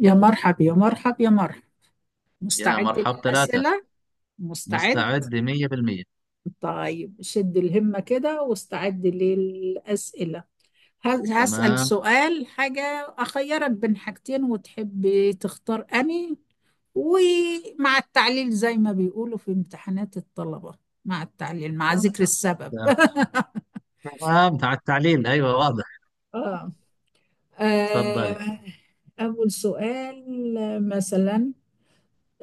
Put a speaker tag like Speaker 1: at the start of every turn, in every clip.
Speaker 1: يا مرحب يا مرحب يا مرحب،
Speaker 2: يا
Speaker 1: مستعد
Speaker 2: مرحب ثلاثة.
Speaker 1: للأسئلة. مستعد.
Speaker 2: مستعد 100%.
Speaker 1: طيب، شد الهمة كده واستعد للأسئلة. هل هسأل
Speaker 2: تمام،
Speaker 1: سؤال حاجة؟ أخيرك بين حاجتين وتحب تختار أني، ومع التعليل زي ما بيقولوا في امتحانات الطلبة، مع التعليل مع
Speaker 2: تمام،
Speaker 1: ذكر السبب.
Speaker 2: تمام، تمام. مع التعليل، أيوة واضح.
Speaker 1: آه.
Speaker 2: تفضلي.
Speaker 1: آه. أول سؤال، مثلا،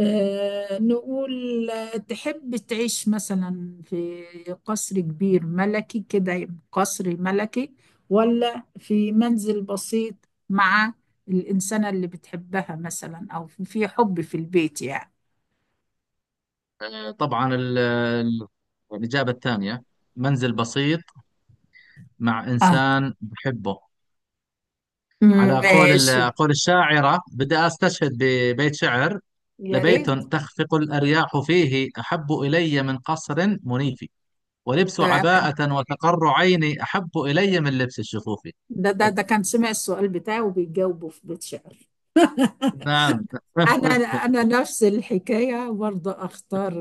Speaker 1: نقول تحب تعيش مثلا في قصر كبير ملكي كده، يبقى قصر ملكي، ولا في منزل بسيط مع الإنسانة اللي بتحبها مثلا، أو في حب في البيت يعني.
Speaker 2: طبعا، الإجابة الثانية، منزل بسيط مع
Speaker 1: آه.
Speaker 2: إنسان بحبه. على
Speaker 1: ماشي.
Speaker 2: قول الشاعرة بدي أستشهد ببيت شعر:
Speaker 1: يا
Speaker 2: لبيت
Speaker 1: ريت.
Speaker 2: تخفق الأرياح فيه أحب إلي من قصر منيف، ولبس
Speaker 1: آه، أنا
Speaker 2: عباءة وتقر عيني أحب إلي من لبس الشفوف.
Speaker 1: ده ده ده كان سمع السؤال بتاعه وبيجاوبه في بيت شعر.
Speaker 2: نعم.
Speaker 1: أنا أنا نفس الحكاية برضه أختار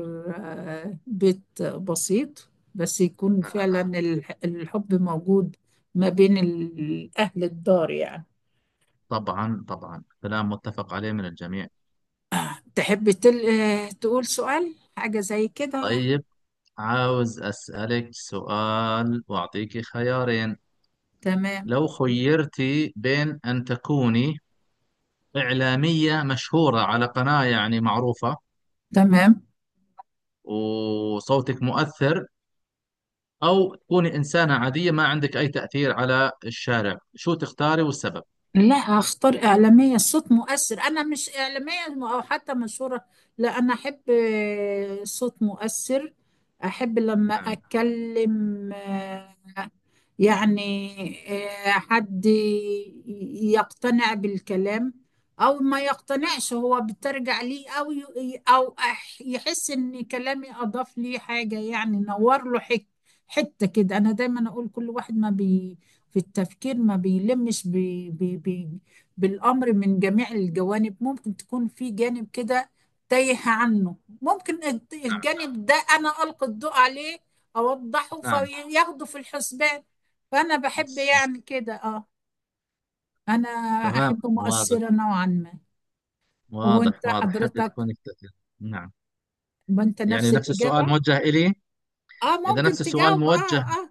Speaker 1: بيت بسيط، بس يكون فعلا الحب موجود ما بين أهل الدار يعني.
Speaker 2: طبعا طبعا، كلام متفق عليه من الجميع.
Speaker 1: تحب تل... آه، تقول سؤال حاجة زي كده.
Speaker 2: طيب، عاوز أسألك سؤال وأعطيك خيارين.
Speaker 1: تمام.
Speaker 2: لو خيرتي بين أن تكوني إعلامية مشهورة على قناة يعني معروفة
Speaker 1: تمام.
Speaker 2: وصوتك مؤثر، أو تكوني إنسانة عادية ما عندك أي تأثير على الشارع، شو تختاري والسبب؟
Speaker 1: لا، هختار إعلامية صوت مؤثر. أنا مش إعلامية أو حتى مشهورة. لا، أنا أحب صوت مؤثر. أحب لما
Speaker 2: نعم،
Speaker 1: أتكلم، يعني، حد يقتنع بالكلام، أو ما يقتنعش هو بترجع ليه، أو يحس إن كلامي أضاف ليه حاجة يعني، نور له حتة كده. أنا دايما أقول كل واحد ما بي في التفكير ما بيلمش بي بالأمر من جميع الجوانب. ممكن تكون في جانب كده تايه عنه، ممكن
Speaker 2: نعم،
Speaker 1: الجانب ده أنا ألقي الضوء عليه، أوضحه
Speaker 2: نعم.
Speaker 1: فياخده في الحسبان. فأنا بحب
Speaker 2: بس-
Speaker 1: يعني كده، أه. أنا
Speaker 2: تمام،
Speaker 1: أحب
Speaker 2: واضح.
Speaker 1: مؤثرة نوعا ما. وأنت
Speaker 2: واضح، واضح، حابة
Speaker 1: حضرتك،
Speaker 2: تكوني كتير. نعم.
Speaker 1: ما أنت
Speaker 2: يعني
Speaker 1: نفس
Speaker 2: نفس السؤال
Speaker 1: الإجابة.
Speaker 2: موجه إلي؟
Speaker 1: أه،
Speaker 2: إذا
Speaker 1: ممكن
Speaker 2: نفس السؤال
Speaker 1: تجاوب. أه.
Speaker 2: موجه
Speaker 1: أه.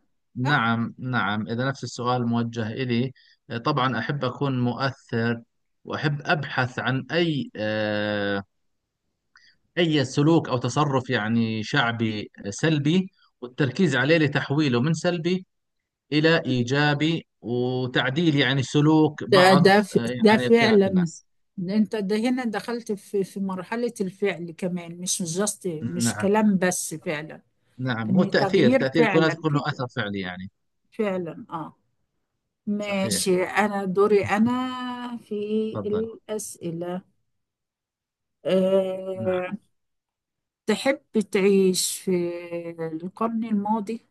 Speaker 1: أه،
Speaker 2: نعم نعم، إذا نفس السؤال موجه إلي، طبعا أحب أكون مؤثر، وأحب أبحث عن أي سلوك أو تصرف يعني شعبي سلبي، والتركيز عليه لتحويله من سلبي إلى إيجابي، وتعديل يعني سلوك بعض
Speaker 1: ده
Speaker 2: يعني فئات
Speaker 1: فعلا.
Speaker 2: الناس.
Speaker 1: انت ده هنا دخلت في مرحلة الفعل كمان، مش جاست مش
Speaker 2: نعم،
Speaker 1: كلام بس، فعلا.
Speaker 2: نعم. هو
Speaker 1: ان
Speaker 2: التأثير،
Speaker 1: تغيير
Speaker 2: يكون لازم
Speaker 1: فعلا
Speaker 2: يكون له
Speaker 1: كده،
Speaker 2: أثر فعلي يعني.
Speaker 1: فعلا. اه.
Speaker 2: صحيح.
Speaker 1: ماشي، انا دوري انا في
Speaker 2: تفضل.
Speaker 1: الأسئلة.
Speaker 2: نعم.
Speaker 1: أه، تحب تعيش في القرن الماضي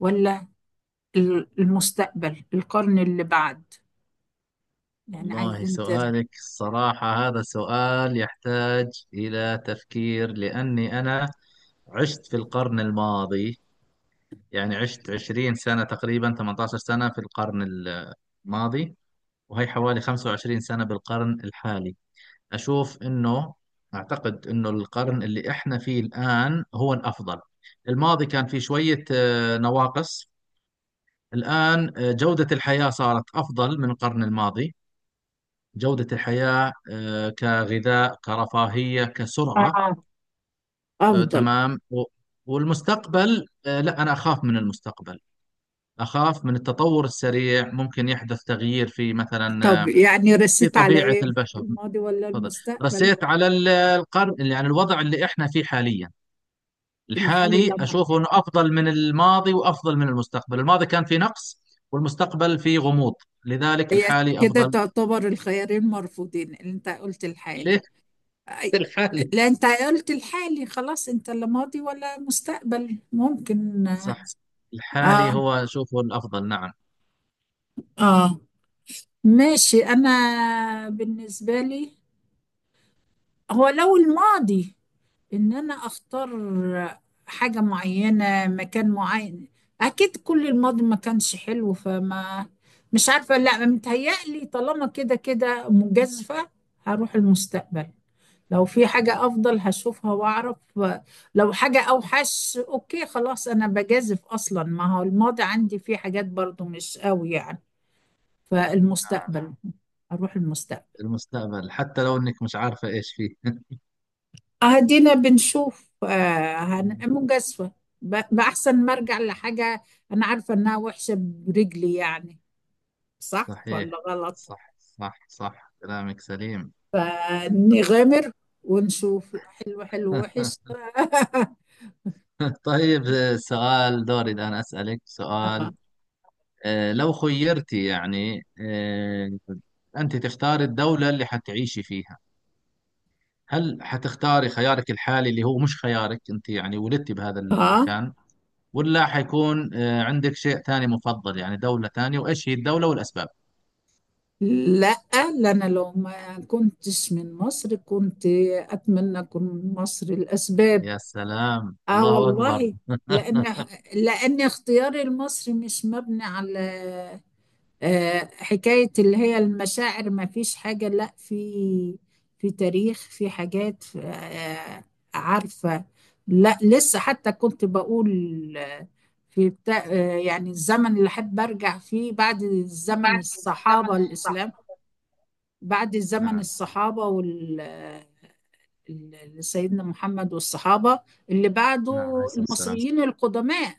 Speaker 1: ولا المستقبل، القرن اللي بعد، يعني
Speaker 2: والله
Speaker 1: عايزين ترى.
Speaker 2: سؤالك الصراحة هذا سؤال يحتاج إلى تفكير، لأني أنا عشت في القرن الماضي. يعني عشت 20 سنة تقريبا، 18 سنة في القرن الماضي، وهي حوالي 25 سنة بالقرن الحالي. أشوف أنه، أعتقد أنه القرن اللي إحنا فيه الآن هو الأفضل. الماضي كان فيه شوية نواقص. الآن جودة الحياة صارت أفضل من القرن الماضي. جودة الحياة كغذاء، كرفاهية، كسرعة،
Speaker 1: اه. افضل.
Speaker 2: تمام. والمستقبل، لا، أنا أخاف من المستقبل. أخاف من التطور السريع، ممكن يحدث تغيير في مثلا
Speaker 1: طب يعني
Speaker 2: في
Speaker 1: رست على
Speaker 2: طبيعة
Speaker 1: ايه،
Speaker 2: البشر.
Speaker 1: الماضي ولا
Speaker 2: تفضل.
Speaker 1: المستقبل؟
Speaker 2: رسيت على القرن، يعني الوضع اللي إحنا فيه حاليا.
Speaker 1: الحالي
Speaker 2: الحالي
Speaker 1: لما؟
Speaker 2: أشوفه أنه أفضل من الماضي وأفضل من المستقبل. الماضي كان فيه نقص، والمستقبل فيه غموض، لذلك
Speaker 1: هي
Speaker 2: الحالي
Speaker 1: كده
Speaker 2: أفضل.
Speaker 1: تعتبر الخيارين مرفوضين، انت قلت الحالي.
Speaker 2: ليه؟
Speaker 1: أي-
Speaker 2: الحالي.
Speaker 1: لا، انت قلت الحالي خلاص، انت لا ماضي ولا مستقبل، ممكن.
Speaker 2: صح. الحالي
Speaker 1: اه.
Speaker 2: هو شوفه الأفضل. نعم، نعم.
Speaker 1: اه. ماشي. انا بالنسبة لي، هو لو الماضي، ان انا اختار حاجة معينة، مكان معين، اكيد كل الماضي ما كانش حلو. فما مش عارفة، لا متهيألي طالما كده كده مجازفة، هروح المستقبل. لو في حاجة افضل هشوفها واعرف، لو حاجة اوحش، اوكي خلاص انا بجازف، اصلا ما هو الماضي عندي فيه حاجات برضو مش قوي يعني. فالمستقبل، هروح المستقبل.
Speaker 2: المستقبل حتى لو إنك مش عارفة إيش فيه.
Speaker 1: أهدينا بنشوف، مجازفة بأحسن ما أرجع لحاجة أنا عارفة إنها وحشة برجلي يعني. صح ولا
Speaker 2: صحيح.
Speaker 1: غلط؟
Speaker 2: صح صح صح، كلامك سليم.
Speaker 1: فنغامر، ونشوف حلو، حلو وحش.
Speaker 2: طيب، سؤال دوري، الآن أسألك سؤال.
Speaker 1: آه.
Speaker 2: لو خيرتي يعني أنت تختاري الدولة اللي حتعيشي فيها، هل حتختاري خيارك الحالي اللي هو مش خيارك أنت، يعني ولدتي بهذا
Speaker 1: آه.
Speaker 2: المكان، ولا حيكون عندك شيء ثاني مفضل، يعني دولة ثانية، وإيش هي الدولة والأسباب؟
Speaker 1: لا، لا، أنا لو ما كنتش من مصر كنت أتمنى أكون من مصر. الأسباب،
Speaker 2: يا سلام،
Speaker 1: آه
Speaker 2: الله أكبر.
Speaker 1: والله. لأن لأن اختياري المصري مش مبني على حكاية اللي هي المشاعر، ما فيش حاجة. لا، في، في تاريخ، في حاجات عارفة. لا، لسه حتى كنت بقول آه، في بتاع يعني الزمن اللي حد برجع فيه، بعد
Speaker 2: دي بقى
Speaker 1: الزمن
Speaker 2: كانت
Speaker 1: الصحابة
Speaker 2: الزمن الصح.
Speaker 1: الإسلام، بعد زمن
Speaker 2: نعم،
Speaker 1: الصحابة سيدنا محمد والصحابة، اللي
Speaker 2: نعم، عليه
Speaker 1: بعده
Speaker 2: الصلاة والسلام.
Speaker 1: المصريين القدماء.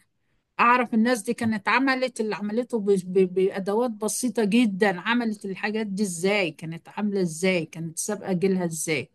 Speaker 1: اعرف الناس دي كانت عملت اللي عملته بادوات بسيطه جدا، عملت الحاجات دي ازاي؟ كانت عامله ازاي؟ كانت سابقه جيلها ازاي؟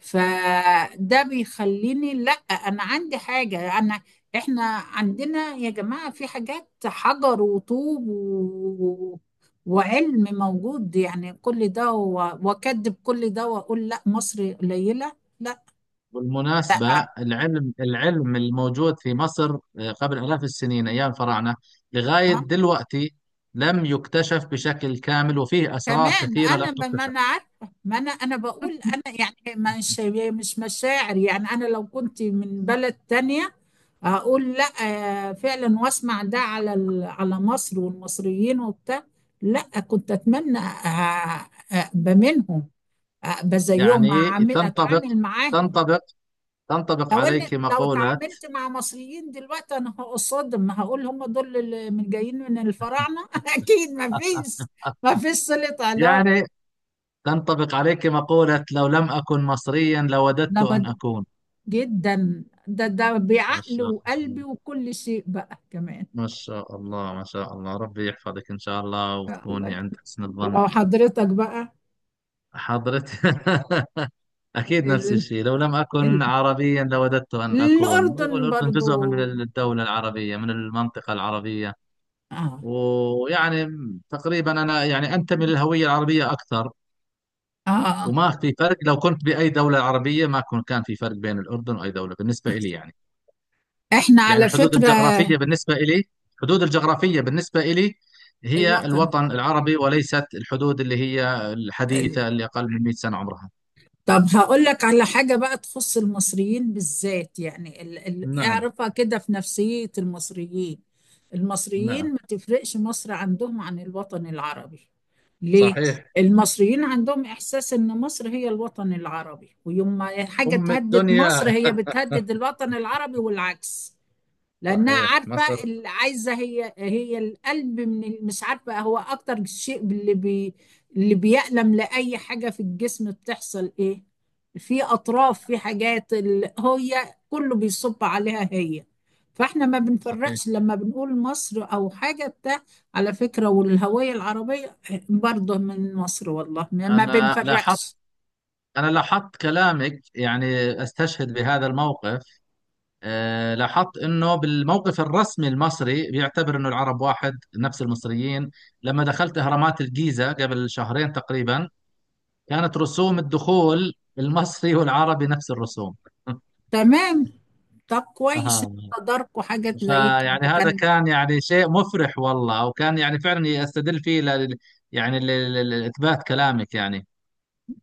Speaker 1: فده بيخليني، لا انا عندي حاجه، انا احنا عندنا يا جماعه في حاجات، حجر وطوب و... وعلم موجود يعني، كل ده و... واكدب كل ده واقول لا مصر قليله؟ لا.
Speaker 2: بالمناسبة، العلم، العلم الموجود في مصر قبل آلاف السنين أيام الفراعنة لغاية دلوقتي لم يكتشف بشكل كامل، وفيه أسرار
Speaker 1: كمان
Speaker 2: كثيرة لم
Speaker 1: انا ما
Speaker 2: تكتشف.
Speaker 1: انا عارفه. ما انا بقول انا يعني مش مش مشاعر يعني، انا لو كنت من بلد تانية هقول لا، فعلا واسمع ده على على مصر والمصريين وبتاع. لا، كنت اتمنى ابقى منهم، ابقى زيهم
Speaker 2: يعني تنطبق
Speaker 1: اتعامل معاهم.
Speaker 2: تنطبق تنطبق
Speaker 1: لو ان،
Speaker 2: عليك
Speaker 1: لو
Speaker 2: مقولة
Speaker 1: اتعاملت مع مصريين دلوقتي، انا هقصدهم، هقول هم دول اللي من جايين من الفراعنه. اكيد ما فيش ما فيش صله علاقه.
Speaker 2: يعني تنطبق عليك مقولة: لو لم أكن مصريا لوددت أن
Speaker 1: لما
Speaker 2: أكون.
Speaker 1: جدا، ده
Speaker 2: ما
Speaker 1: بعقل
Speaker 2: شاء
Speaker 1: وقلبي
Speaker 2: الله،
Speaker 1: وكل شيء بقى كمان.
Speaker 2: ما شاء الله، ما شاء الله، ربي يحفظك إن شاء الله
Speaker 1: الله
Speaker 2: وتكوني
Speaker 1: يخ-
Speaker 2: عند حسن الظن.
Speaker 1: وحضرتك بقى.
Speaker 2: حضرت. أكيد نفس
Speaker 1: ال...
Speaker 2: الشيء، لو لم أكن
Speaker 1: ال...
Speaker 2: عربيا لوددت أن أكون.
Speaker 1: الأردن
Speaker 2: والأردن جزء
Speaker 1: برضو.
Speaker 2: من الدولة العربية، من المنطقة العربية.
Speaker 1: آه.
Speaker 2: ويعني تقريبا أنا يعني أنتمي للهوية العربية أكثر،
Speaker 1: آه.
Speaker 2: وما في فرق لو كنت بأي دولة عربية. ما كن- كان في فرق بين الأردن وأي دولة بالنسبة إلي يعني.
Speaker 1: احنا
Speaker 2: يعني
Speaker 1: على فكرة
Speaker 2: الحدود الجغرافية بالنسبة إلي هي
Speaker 1: الوطن.
Speaker 2: الوطن العربي، وليست الحدود اللي هي الحديثة اللي أقل من 100 سنة عمرها.
Speaker 1: طب هقول لك على حاجة بقى تخص المصريين بالذات يعني،
Speaker 2: نعم،
Speaker 1: اعرفها كده في نفسية المصريين.
Speaker 2: نعم.
Speaker 1: المصريين ما تفرقش مصر عندهم عن الوطن العربي. ليه؟
Speaker 2: صحيح.
Speaker 1: المصريين عندهم إحساس إن مصر هي الوطن العربي، ويوم ما حاجة
Speaker 2: أم
Speaker 1: تهدد مصر
Speaker 2: الدنيا.
Speaker 1: هي بتهدد الوطن العربي والعكس. لانها
Speaker 2: صحيح،
Speaker 1: عارفه
Speaker 2: مصر.
Speaker 1: اللي عايزه، هي هي القلب من مش عارفه، هو اكتر شيء اللي بي اللي بيألم لاي حاجه في الجسم، بتحصل ايه في اطراف، في حاجات اللي هي كله بيصب عليها هي. فاحنا ما
Speaker 2: صحيح.
Speaker 1: بنفرقش لما بنقول مصر او حاجه بتاع. على فكره، والهويه العربيه برضه من مصر، والله ما
Speaker 2: أنا لاحظت
Speaker 1: بنفرقش.
Speaker 2: أنا لاحظت كلامك يعني، أستشهد بهذا الموقف. أه، لاحظت أنه بالموقف الرسمي المصري بيعتبر أنه العرب واحد نفس المصريين. لما دخلت أهرامات الجيزة قبل شهرين تقريبا، كانت رسوم الدخول المصري والعربي نفس الرسوم.
Speaker 1: تمام. طب كويس
Speaker 2: أها.
Speaker 1: إنكم تداركوا حاجات زي
Speaker 2: فيعني
Speaker 1: كده،
Speaker 2: هذا
Speaker 1: كان
Speaker 2: كان يعني شيء مفرح والله، وكان يعني فعلا استدل فيه يعني لإثبات كلامك يعني.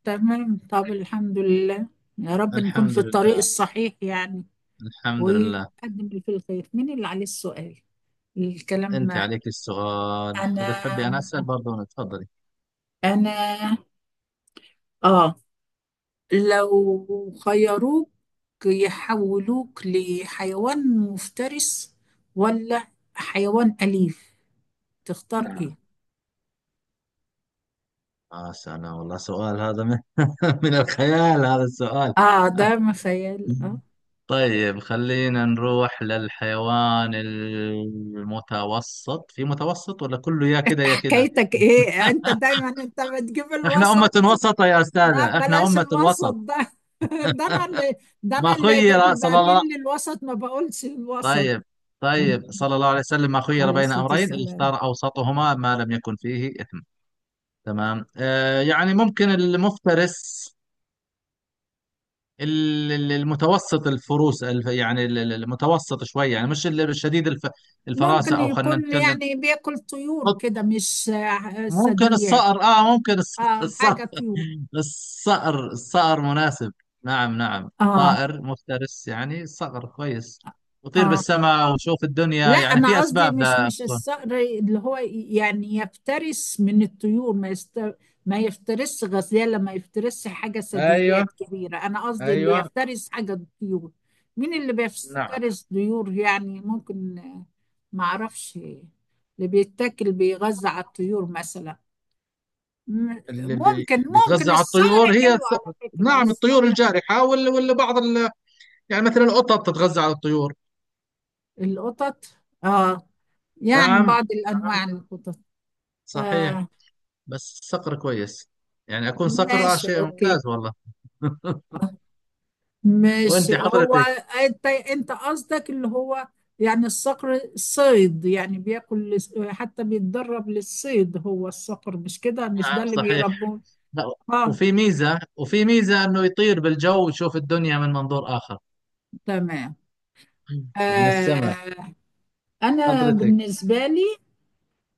Speaker 1: تمام. طب الحمد لله، يا رب نكون في
Speaker 2: الحمد
Speaker 1: الطريق
Speaker 2: لله.
Speaker 1: الصحيح يعني.
Speaker 2: الحمد لله.
Speaker 1: ويقدم اللي فيه الخير. مين اللي عليه السؤال؟ الكلام.
Speaker 2: أنت عليك السؤال، وإذا
Speaker 1: أنا
Speaker 2: تحبي أنا أسأل برضه. أنا؟ تفضلي.
Speaker 1: أنا آه، لو خيروك يحولوك لحيوان مفترس ولا حيوان أليف، تختار
Speaker 2: نعم.
Speaker 1: إيه؟
Speaker 2: آه سلام، والله سؤال هذا من الخيال هذا السؤال.
Speaker 1: آه، ده ما خيال آه.
Speaker 2: طيب، خلينا نروح للحيوان المتوسط، في متوسط، ولا كله يا كده
Speaker 1: أنت
Speaker 2: يا كده؟
Speaker 1: حكايتك إيه؟ أنت دايما أنت بتجيب
Speaker 2: احنا أمة
Speaker 1: الوسط.
Speaker 2: وسطة يا
Speaker 1: لا
Speaker 2: أستاذة، احنا
Speaker 1: بلاش
Speaker 2: أمة
Speaker 1: الوسط
Speaker 2: وسط.
Speaker 1: ده. ده انا اللي
Speaker 2: ما خير
Speaker 1: اللي
Speaker 2: صلى
Speaker 1: بميل
Speaker 2: الله
Speaker 1: للوسط، ما بقولش الوسط.
Speaker 2: طيب، طيب، صلى الله عليه وسلم ما خير
Speaker 1: عليه
Speaker 2: بين
Speaker 1: الصلاة
Speaker 2: أمرين اللي
Speaker 1: والسلام.
Speaker 2: اختار أوسطهما ما لم يكن فيه إثم. تمام. آه يعني ممكن المفترس، المتوسط، الفروس، يعني المتوسط شوي، يعني مش الشديد، الفراسة،
Speaker 1: ممكن
Speaker 2: أو خلينا
Speaker 1: يكون
Speaker 2: نتكلم.
Speaker 1: يعني بياكل طيور كده، مش
Speaker 2: ممكن
Speaker 1: ثدييات.
Speaker 2: الصقر، ممكن
Speaker 1: اه،
Speaker 2: الصقر.
Speaker 1: حاجة طيور.
Speaker 2: الصقر، الصقر مناسب. نعم، نعم،
Speaker 1: اه.
Speaker 2: طائر مفترس يعني، صقر كويس. وطير
Speaker 1: اه.
Speaker 2: بالسماء وشوف الدنيا،
Speaker 1: لا،
Speaker 2: يعني في
Speaker 1: انا قصدي
Speaker 2: اسباب
Speaker 1: مش
Speaker 2: لا تكون.
Speaker 1: الصقر اللي هو يعني يفترس من الطيور، ما يست... ما يفترسش غزاله، ما يفترسش حاجه
Speaker 2: ايوه،
Speaker 1: ثدييات كبيره. انا قصدي اللي
Speaker 2: ايوه.
Speaker 1: يفترس حاجه الطيور. مين اللي
Speaker 2: نعم.
Speaker 1: بيفترس طيور يعني ممكن؟ ما اعرفش اللي بيتاكل بيغذى على الطيور مثلا. ممكن.
Speaker 2: بيتغذى
Speaker 1: ممكن
Speaker 2: على
Speaker 1: الصقر،
Speaker 2: الطيور هي
Speaker 1: حلو على فكره
Speaker 2: نعم، الطيور
Speaker 1: الصقر.
Speaker 2: الجارحة، ولا بعض يعني مثلا القطط تتغذى على الطيور.
Speaker 1: القطط. اه. يعني
Speaker 2: نعم،
Speaker 1: بعض
Speaker 2: نعم،
Speaker 1: الانواع القطط.
Speaker 2: صحيح.
Speaker 1: آه.
Speaker 2: بس صقر كويس، يعني اكون صقر آه
Speaker 1: ماشي،
Speaker 2: شيء
Speaker 1: اوكي.
Speaker 2: ممتاز والله. وانت
Speaker 1: ماشي هو.
Speaker 2: حضرتك؟
Speaker 1: انت قصدك اللي هو يعني الصقر الصيد يعني بياكل حتى بيتدرب للصيد هو الصقر، مش كده؟ مش ده
Speaker 2: نعم.
Speaker 1: اللي
Speaker 2: صحيح.
Speaker 1: بيربوه؟
Speaker 2: لا،
Speaker 1: اه.
Speaker 2: وفي ميزة، انه يطير بالجو ويشوف الدنيا من منظور اخر،
Speaker 1: تمام.
Speaker 2: من السماء.
Speaker 1: آه. انا
Speaker 2: حضرتك؟
Speaker 1: بالنسبة لي،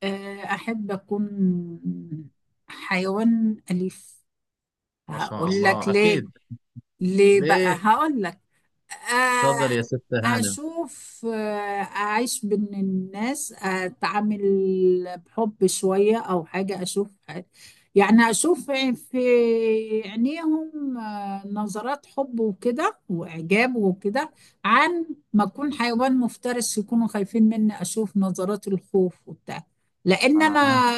Speaker 1: آه، احب اكون حيوان اليف.
Speaker 2: ما شاء
Speaker 1: هقول لك
Speaker 2: الله،
Speaker 1: ليه.
Speaker 2: اكيد.
Speaker 1: ليه بقى؟
Speaker 2: ليه؟
Speaker 1: هقول لك آه،
Speaker 2: تفضل يا ستة هانم.
Speaker 1: أشوف أعيش بين الناس، أتعامل بحب شوية أو حاجة، أشوف يعني، أشوف في عينيهم نظرات حب وكده وإعجاب وكده. عن ما أكون حيوان مفترس يكونوا خايفين مني، أشوف نظرات الخوف وبتاع. لأن
Speaker 2: اها.
Speaker 1: أنا،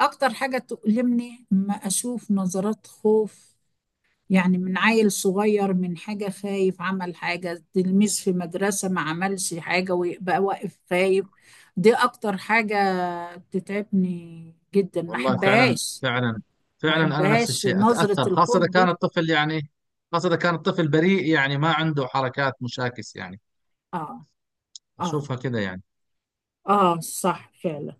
Speaker 1: أكتر حاجة تؤلمني ما أشوف نظرات خوف. يعني من عيل صغير من حاجة خايف عمل حاجة، تلميذ في مدرسة ما عملش حاجة ويبقى واقف خايف. دي أكتر حاجة بتتعبني جدا، ما
Speaker 2: والله فعلا،
Speaker 1: أحبهاش.
Speaker 2: فعلا،
Speaker 1: ما
Speaker 2: فعلا، انا نفس
Speaker 1: أحبهاش
Speaker 2: الشيء
Speaker 1: نظرة
Speaker 2: اتاثر، خاصة
Speaker 1: الخوف
Speaker 2: اذا كان
Speaker 1: دي.
Speaker 2: الطفل يعني، خاصة اذا كان الطفل بريء، يعني ما عنده حركات مشاكس يعني،
Speaker 1: آه. آه.
Speaker 2: اشوفها كذا يعني.
Speaker 1: آه، صح، فعلا.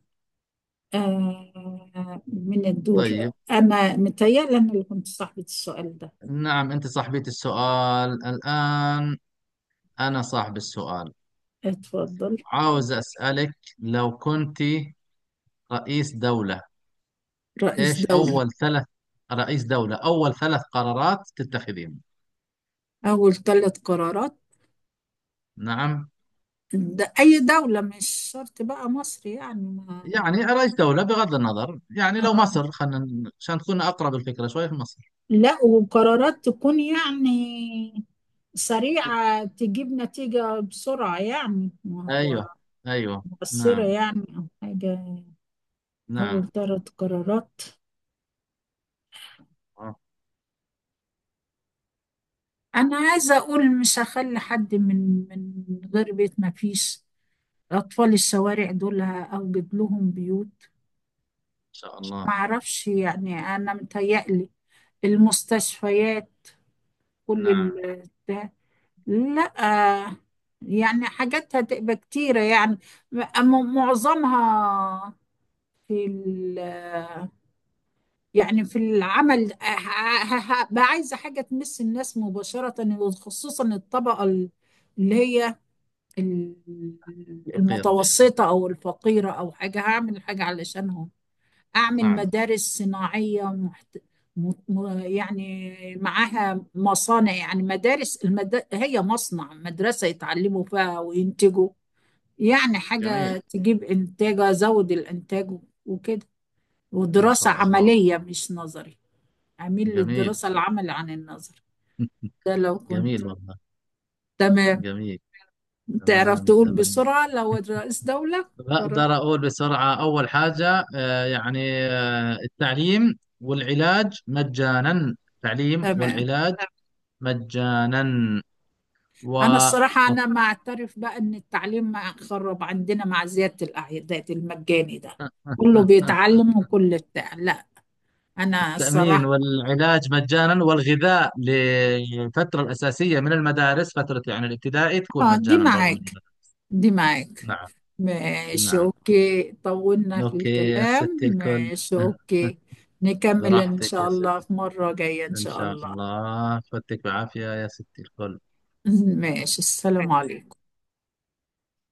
Speaker 1: آه، من الدور.
Speaker 2: طيب.
Speaker 1: أنا متهيألي أنا اللي كنت صاحبة السؤال ده.
Speaker 2: نعم، انت صاحبية السؤال الان، انا صاحب السؤال.
Speaker 1: اتفضل.
Speaker 2: عاوز اسالك، لو كنت رئيس دولة
Speaker 1: رئيس
Speaker 2: إيش
Speaker 1: دولة؟
Speaker 2: أول ثلاث أول ثلاث قرارات تتخذين؟
Speaker 1: أول ثلاث قرارات.
Speaker 2: نعم.
Speaker 1: ده أي دولة مش شرط بقى مصر يعني؟
Speaker 2: يعني رئيس دولة بغض النظر، يعني لو
Speaker 1: آه.
Speaker 2: مصر خلينا عشان تكون أقرب الفكرة شوي، في مصر.
Speaker 1: لا، وقرارات تكون يعني سريعة، تجيب نتيجة بسرعة يعني، ما هو
Speaker 2: أيوه، أيوه.
Speaker 1: مؤثرة
Speaker 2: نعم،
Speaker 1: يعني أو حاجة. أول
Speaker 2: نعم.
Speaker 1: ثلاث قرارات،
Speaker 2: إن
Speaker 1: أنا عايزة أقول مش هخلي حد من غير بيت، ما فيش أطفال الشوارع، دول هأوجد لهم بيوت.
Speaker 2: شاء الله.
Speaker 1: معرفش يعني، أنا متهيألي المستشفيات، كل
Speaker 2: نعم.
Speaker 1: ده. لا، يعني حاجاتها تبقى كتيرة يعني، معظمها في ال، يعني في العمل هبقى عايزة حاجة تمس الناس مباشرة، وخصوصا الطبقة اللي هي ال-
Speaker 2: فقيرة.
Speaker 1: المتوسطة أو الفقيرة، أو حاجة هعمل حاجة علشانهم. أعمل
Speaker 2: نعم.
Speaker 1: مدارس صناعية محت... يعني معاها مصانع، يعني مدارس المد... هي مصنع مدرسة يتعلموا فيها وينتجوا، يعني
Speaker 2: جميل.
Speaker 1: حاجة تجيب إنتاج، أزود الإنتاج وكده.
Speaker 2: ما
Speaker 1: ودراسة
Speaker 2: شاء الله.
Speaker 1: عملية، مش نظري، أميل
Speaker 2: جميل.
Speaker 1: للدراسة العمل عن النظر. ده لو كنت.
Speaker 2: جميل والله.
Speaker 1: تمام.
Speaker 2: جميل.
Speaker 1: تعرف
Speaker 2: تمام،
Speaker 1: تقول
Speaker 2: تمام.
Speaker 1: بسرعة لو رئيس دولة؟ قرر.
Speaker 2: بقدر أقول بسرعة. أول حاجة التعليم والعلاج مجانا. تعليم
Speaker 1: تمام.
Speaker 2: والعلاج مجانا.
Speaker 1: أنا
Speaker 2: و
Speaker 1: الصراحة، أنا ما أعترف بقى إن التعليم ما خرب عندنا مع زيادة الأعداد المجاني ده، كله بيتعلم وكل بتاع، لا. أنا
Speaker 2: التأمين
Speaker 1: الصراحة
Speaker 2: والعلاج مجانا، والغذاء للفترة الأساسية من المدارس، فترة يعني الابتدائي تكون
Speaker 1: دي
Speaker 2: مجانا برضو من
Speaker 1: معاك.
Speaker 2: المدارس.
Speaker 1: دي معاك.
Speaker 2: نعم،
Speaker 1: ماشي،
Speaker 2: نعم.
Speaker 1: أوكي، طولنا في
Speaker 2: أوكي. يا
Speaker 1: الكلام،
Speaker 2: ستي الكل.
Speaker 1: ماشي أوكي. نكمل إن
Speaker 2: براحتك
Speaker 1: شاء
Speaker 2: يا
Speaker 1: الله
Speaker 2: ستي.
Speaker 1: في مرة جاية إن
Speaker 2: إن
Speaker 1: شاء
Speaker 2: شاء
Speaker 1: الله.
Speaker 2: الله فتك بعافية يا ستي الكل.
Speaker 1: ماشي، السلام عليكم.